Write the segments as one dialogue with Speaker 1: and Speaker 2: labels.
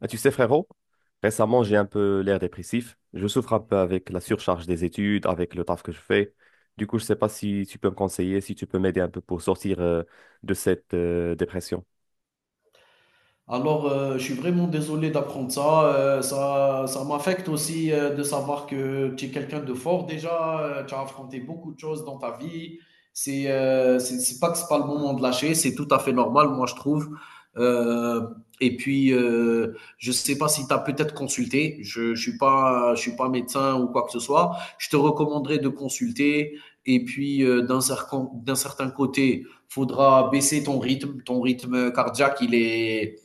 Speaker 1: Ah, tu sais, frérot, récemment, j'ai un peu l'air dépressif. Je souffre un peu avec la surcharge des études, avec le taf que je fais. Du coup, je sais pas si tu peux me conseiller, si tu peux m'aider un peu pour sortir de cette dépression.
Speaker 2: Alors, je suis vraiment désolé d'apprendre ça. Ça m'affecte aussi de savoir que tu es quelqu'un de fort déjà. Tu as affronté beaucoup de choses dans ta vie. C'est pas que c'est pas le moment de lâcher. C'est tout à fait normal, moi, je trouve. Euh, et puis, je sais pas si tu as peut-être consulté. Je suis pas médecin ou quoi que ce soit. Je te recommanderais de consulter. Et puis, d'un certain côté, faudra baisser ton rythme. Ton rythme cardiaque, il est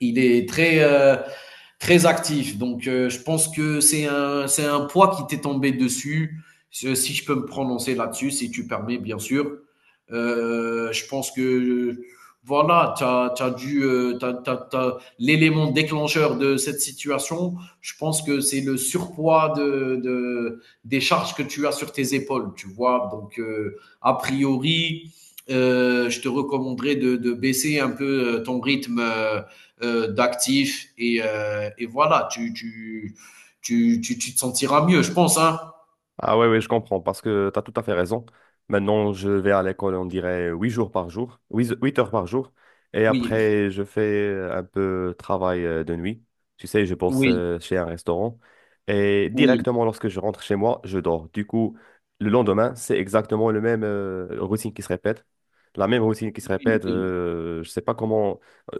Speaker 2: il est très, très actif. Donc, je pense que c'est un poids qui t'est tombé dessus. Si je peux me prononcer là-dessus, si tu permets, bien sûr. Je pense que voilà, tu as, dû, l'élément déclencheur de cette situation. Je pense que c'est le surpoids des charges que tu as sur tes épaules, tu vois. Donc, a priori, je te recommanderais de baisser un peu ton rythme d'actifs. Et voilà, tu te sentiras mieux, je pense. Hein.
Speaker 1: Ah ouais, ouais, je comprends, parce que tu as tout à fait raison. Maintenant, je vais à l'école, on dirait 8 jours par jour, huit heures par jour. Et
Speaker 2: Oui,
Speaker 1: après, je fais un peu de travail de nuit. Tu sais, je bosse
Speaker 2: oui,
Speaker 1: chez un restaurant. Et
Speaker 2: oui,
Speaker 1: directement, lorsque je rentre chez moi, je dors. Du coup, le lendemain, c'est exactement le même routine qui se répète. La même routine qui se
Speaker 2: oui, oui,
Speaker 1: répète.
Speaker 2: oui,
Speaker 1: Je sais pas comment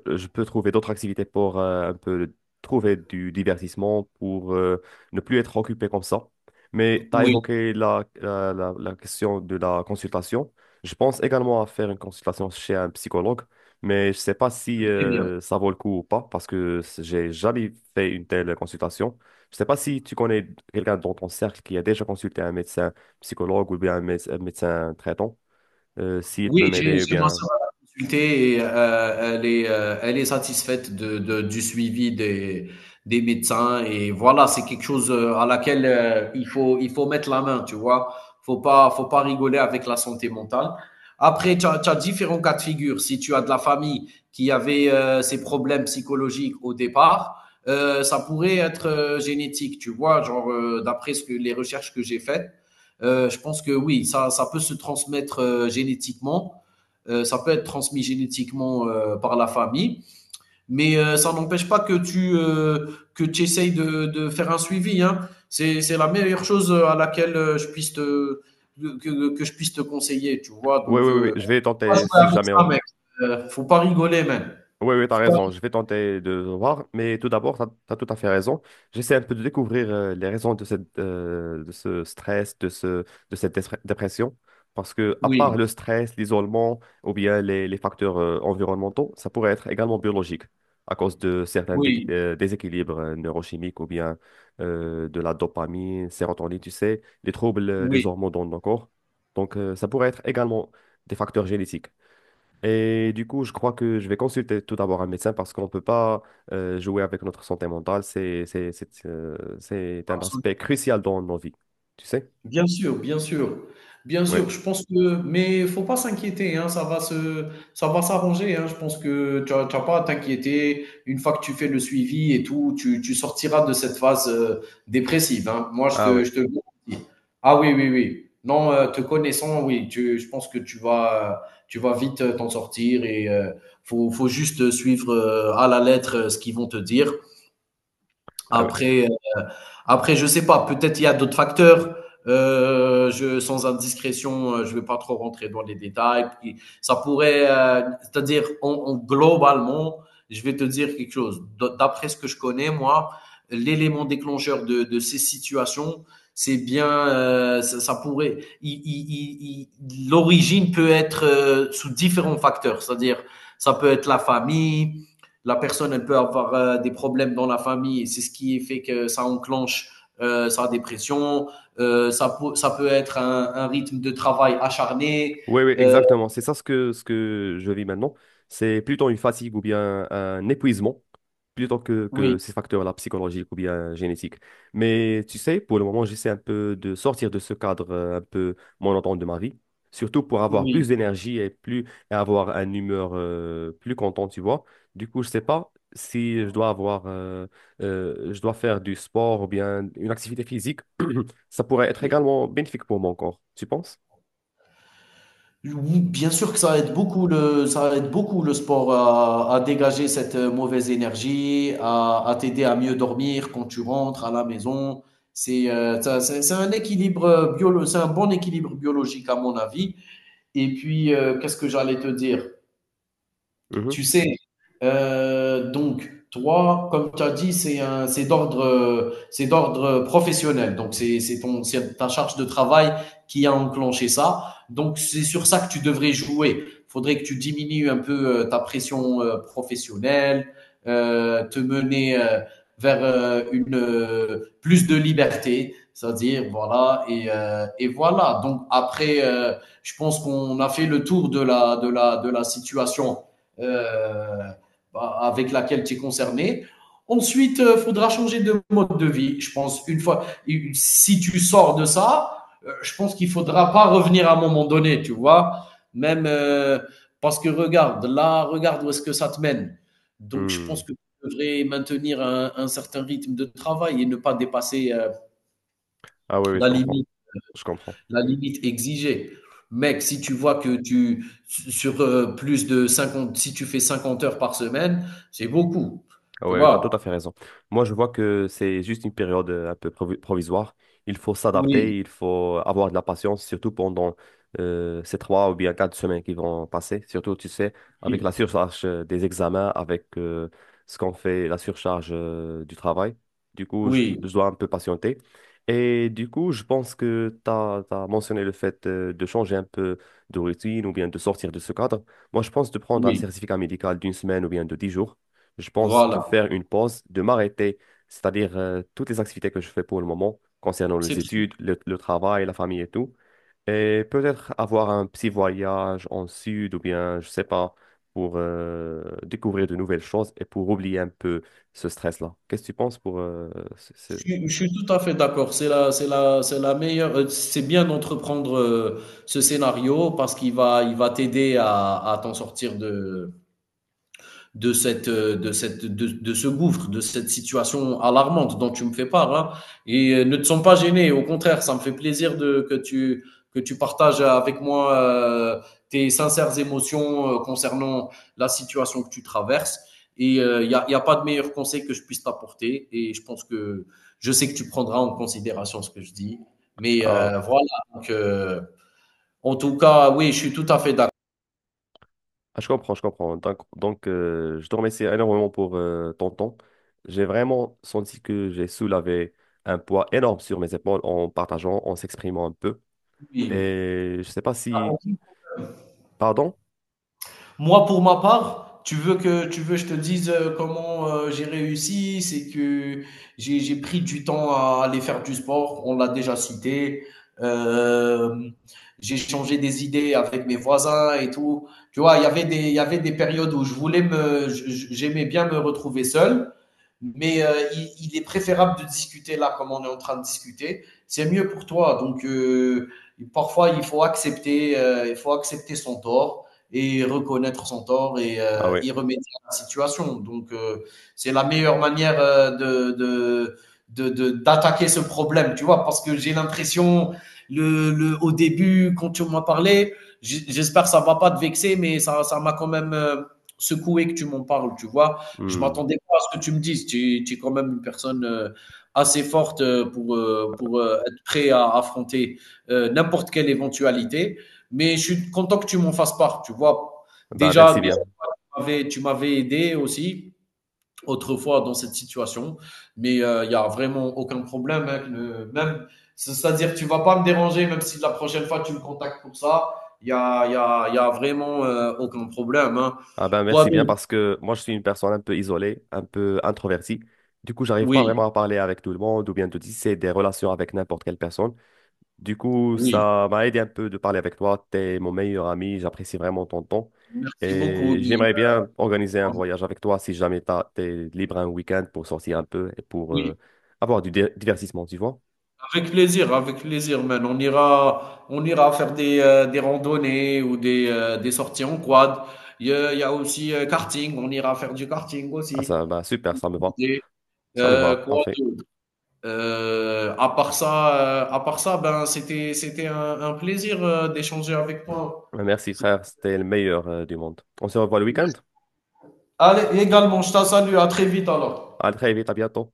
Speaker 1: je peux trouver d'autres activités pour un peu trouver du divertissement, pour ne plus être occupé comme ça. Mais tu as
Speaker 2: oui,
Speaker 1: évoqué la question de la consultation. Je pense également à faire une consultation chez un psychologue, mais je ne sais pas
Speaker 2: c'est
Speaker 1: si
Speaker 2: très bien.
Speaker 1: ça vaut le coup ou pas, parce que j'ai jamais fait une telle consultation. Je ne sais pas si tu connais quelqu'un dans ton cercle qui a déjà consulté un médecin psychologue ou bien un, un médecin traitant, s'il peut
Speaker 2: Oui,
Speaker 1: m'aider ou
Speaker 2: j'ai ma
Speaker 1: bien...
Speaker 2: sœur, elle a consulté et elle est satisfaite de du suivi des médecins et voilà, c'est quelque chose, à laquelle, il faut mettre la main, tu vois? Faut pas rigoler avec la santé mentale. Après, tu as différents cas de figure. Si tu as de la famille qui avait, ces problèmes psychologiques au départ, ça pourrait être, génétique, tu vois? Genre, d'après ce que les recherches que j'ai faites, je pense que oui, ça peut se transmettre génétiquement. Ça peut être transmis génétiquement par la famille, mais ça n'empêche pas que tu essayes de faire un suivi. Hein. C'est la meilleure chose à laquelle je puisse te que je puisse te conseiller, tu vois.
Speaker 1: Oui,
Speaker 2: Donc,
Speaker 1: oui, oui, oui, je vais
Speaker 2: faut pas
Speaker 1: tenter
Speaker 2: jouer
Speaker 1: si
Speaker 2: avec
Speaker 1: jamais.
Speaker 2: ça, mec. Faut pas rigoler, même.
Speaker 1: Oui, oui, tu as
Speaker 2: Faut pas...
Speaker 1: raison. Je vais tenter de voir, mais tout d'abord, tu as, tout à fait raison. J'essaie un peu de découvrir les raisons de cette, de ce stress, de ce, de cette dépression. Parce que, à
Speaker 2: Oui,
Speaker 1: part le stress, l'isolement ou bien les facteurs environnementaux, ça pourrait être également biologique à cause de certains
Speaker 2: oui,
Speaker 1: déséquilibres neurochimiques ou bien de la dopamine, sérotonine, tu sais, les troubles des
Speaker 2: oui,
Speaker 1: hormones dans nos corps. Donc, ça pourrait être également des facteurs génétiques. Et du coup, je crois que je vais consulter tout d'abord un médecin parce qu'on ne peut pas jouer avec notre santé mentale. C'est un aspect
Speaker 2: absolument.
Speaker 1: crucial dans nos vies. Tu sais?
Speaker 2: Bien sûr, bien sûr. Bien
Speaker 1: Oui.
Speaker 2: sûr, je pense que mais faut pas s'inquiéter, hein, ça va s'arranger, hein. Je pense que tu as pas à t'inquiéter. Une fois que tu fais le suivi et tout, tu sortiras de cette phase, dépressive, hein. Moi,
Speaker 1: Ah oui.
Speaker 2: je te le garantis. Ah oui, oui, oui. Non, te connaissant, oui, tu je pense que tu vas vite, t'en sortir et faut juste, suivre, à la lettre, ce qu'ils vont te dire. Après, après, je sais pas, peut-être il y a d'autres facteurs. Sans indiscrétion, je vais pas trop rentrer dans les détails. Puis, c'est-à-dire, globalement, je vais te dire quelque chose. D'après ce que je connais, moi, l'élément déclencheur de ces situations, c'est bien, ça pourrait, l'origine peut être sous différents facteurs, c'est-à-dire, ça peut être la famille, la personne, elle peut avoir des problèmes dans la famille et c'est ce qui fait que ça enclenche sa dépression. Ça peut être un rythme de travail acharné.
Speaker 1: Oui, oui,
Speaker 2: Euh,
Speaker 1: exactement. C'est ça ce que je vis maintenant. C'est plutôt une fatigue ou bien un épuisement, plutôt que
Speaker 2: oui,
Speaker 1: ces facteurs-là psychologiques ou bien génétiques. Mais tu sais, pour le moment, j'essaie un peu de sortir de ce cadre un peu monotone de ma vie, surtout pour avoir
Speaker 2: oui.
Speaker 1: plus d'énergie et plus, et avoir une humeur plus contente, tu vois. Du coup, je sais pas si je dois avoir, je dois faire du sport ou bien une activité physique. Ça pourrait être également bénéfique pour mon corps, tu penses?
Speaker 2: Oui, bien sûr que ça aide beaucoup le sport à dégager cette mauvaise énergie, à t'aider à mieux dormir quand tu rentres à la maison. C'est un équilibre c'est un bon équilibre biologique à mon avis. Et puis qu'est-ce que j'allais te dire?
Speaker 1: Mhm.
Speaker 2: Tu sais, donc, toi, comme tu as dit, c'est d'ordre professionnel. Donc, c'est ta charge de travail qui a enclenché ça. Donc, c'est sur ça que tu devrais jouer. Faudrait que tu diminues un peu ta pression professionnelle, te mener vers une plus de liberté, c'est-à-dire voilà et voilà. Donc après, je pense qu'on a fait le tour de la situation euh, bah, avec laquelle tu es concerné. Ensuite, il faudra changer de mode de vie. Je pense, une fois, si tu sors de ça, je pense qu'il ne faudra pas revenir à un moment donné, tu vois. Même parce que regarde, là, regarde où est-ce que ça te mène. Donc, je pense
Speaker 1: Hmm.
Speaker 2: que tu devrais maintenir un certain rythme de travail et ne pas dépasser
Speaker 1: Ah oui, oui, je
Speaker 2: la
Speaker 1: comprends.
Speaker 2: limite.
Speaker 1: Je comprends.
Speaker 2: La limite exigée. Mec, si tu vois que tu, sur plus de 50, si tu fais 50 heures par semaine, c'est beaucoup.
Speaker 1: Ah
Speaker 2: Tu
Speaker 1: ouais, tu as tout
Speaker 2: vois?
Speaker 1: à fait raison. Moi, je vois que c'est juste une période un peu provisoire. Il faut
Speaker 2: Oui,
Speaker 1: s'adapter, il faut avoir de la patience, surtout pendant ces 3 ou bien 4 semaines qui vont passer. Surtout, tu sais, avec
Speaker 2: oui,
Speaker 1: la surcharge des examens, avec ce qu'on fait, la surcharge du travail. Du coup, je,
Speaker 2: oui,
Speaker 1: je dois un peu patienter. Et du coup, je pense que tu as mentionné le fait de changer un peu de routine ou bien de sortir de ce cadre. Moi, je pense de prendre un
Speaker 2: oui.
Speaker 1: certificat médical d'une semaine ou bien de 10 jours, je pense, de
Speaker 2: Voilà.
Speaker 1: faire une pause, de m'arrêter, c'est-à-dire toutes les activités que je fais pour le moment concernant les
Speaker 2: C'est très bien.
Speaker 1: études, le travail, la famille et tout. Et peut-être avoir un petit voyage en sud ou bien, je sais pas, pour découvrir de nouvelles choses et pour oublier un peu ce stress-là. Qu'est-ce que tu penses pour ce- ce-
Speaker 2: Je
Speaker 1: ce-
Speaker 2: suis tout à fait d'accord. C'est la meilleure. C'est bien d'entreprendre ce scénario parce il va t'aider à t'en sortir cette, ce gouffre, de cette situation alarmante dont tu me fais part. Hein. Et ne te sens pas gêné, au contraire, ça me fait plaisir que tu partages avec moi tes sincères émotions concernant la situation que tu traverses. Et il n'y a, y a pas de meilleur conseil que je puisse t'apporter. Et je pense que je sais que tu prendras en considération ce que je dis. Mais
Speaker 1: à-
Speaker 2: voilà, donc, en tout cas, oui, je suis tout à fait d'accord.
Speaker 1: Ah, je comprends, je comprends. Donc, je te remercie énormément pour ton temps. J'ai vraiment senti que j'ai soulevé un poids énorme sur mes épaules en partageant, en s'exprimant un peu.
Speaker 2: Oui.
Speaker 1: Et je sais pas si... Pardon?
Speaker 2: Moi, pour ma part, tu veux que je te dise comment j'ai réussi, c'est que j'ai pris du temps à aller faire du sport, on l'a déjà cité. Euh, j'ai changé des idées avec mes voisins et tout. Tu vois, il y avait des périodes où je voulais me, je- j'aimais bien me retrouver seul mais est préférable de discuter là comme on est en train de discuter. C'est mieux pour toi. Donc parfois il faut accepter son tort et reconnaître son tort et
Speaker 1: Ah oui.
Speaker 2: y remédier à la situation. Donc c'est la meilleure manière de d'attaquer d'attaquer ce problème, tu vois, parce que j'ai l'impression, au début, quand tu m'as parlé, j'espère que ça ne va pas te vexer, mais ça m'a quand même secoué que tu m'en parles, tu vois. Je
Speaker 1: Hmm.
Speaker 2: m'attendais pas à ce que tu me dises. Tu es quand même une personne assez forte pour être prêt à affronter n'importe quelle éventualité. Mais je suis content que tu m'en fasses part. Tu vois,
Speaker 1: Bah, merci
Speaker 2: déjà,
Speaker 1: bien.
Speaker 2: tu m'avais aidé aussi autrefois dans cette situation. Mais il y n'y a vraiment aucun problème, hein, que le- même, c'est- c'est-à-dire, tu vas pas me déranger, même si la prochaine fois tu me contactes pour ça. Il y a vraiment aucun problème, hein.
Speaker 1: Ah ben
Speaker 2: Quoi
Speaker 1: merci bien
Speaker 2: d'autre?
Speaker 1: parce que moi je suis une personne un peu isolée, un peu introvertie. Du coup, j'arrive pas
Speaker 2: Oui,
Speaker 1: vraiment à parler avec tout le monde ou bien de tisser des relations avec n'importe quelle personne. Du coup,
Speaker 2: oui.
Speaker 1: ça m'a aidé un peu de parler avec toi. T'es mon meilleur ami, j'apprécie vraiment ton temps.
Speaker 2: Merci beaucoup.
Speaker 1: Et
Speaker 2: Oui,
Speaker 1: j'aimerais bien organiser un voyage avec toi si jamais t'es libre un week-end pour sortir un peu et pour
Speaker 2: oui,
Speaker 1: avoir du divertissement, tu vois.
Speaker 2: avec plaisir, man. On ira faire des randonnées ou des sorties en quad. Il y a aussi karting, on ira faire du karting
Speaker 1: Ah
Speaker 2: aussi.
Speaker 1: ça, bah super, ça me va.
Speaker 2: Et,
Speaker 1: Ça me va,
Speaker 2: quoi
Speaker 1: parfait.
Speaker 2: d'autre? À part ça, ben c'était un plaisir d'échanger avec toi.
Speaker 1: Merci
Speaker 2: C'est-
Speaker 1: frère, c'était le meilleur du monde. On se revoit le week-end.
Speaker 2: Allez, également, je te salue, à très vite
Speaker 1: À
Speaker 2: alors.
Speaker 1: très vite, à bientôt.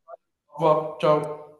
Speaker 2: Au revoir, ciao.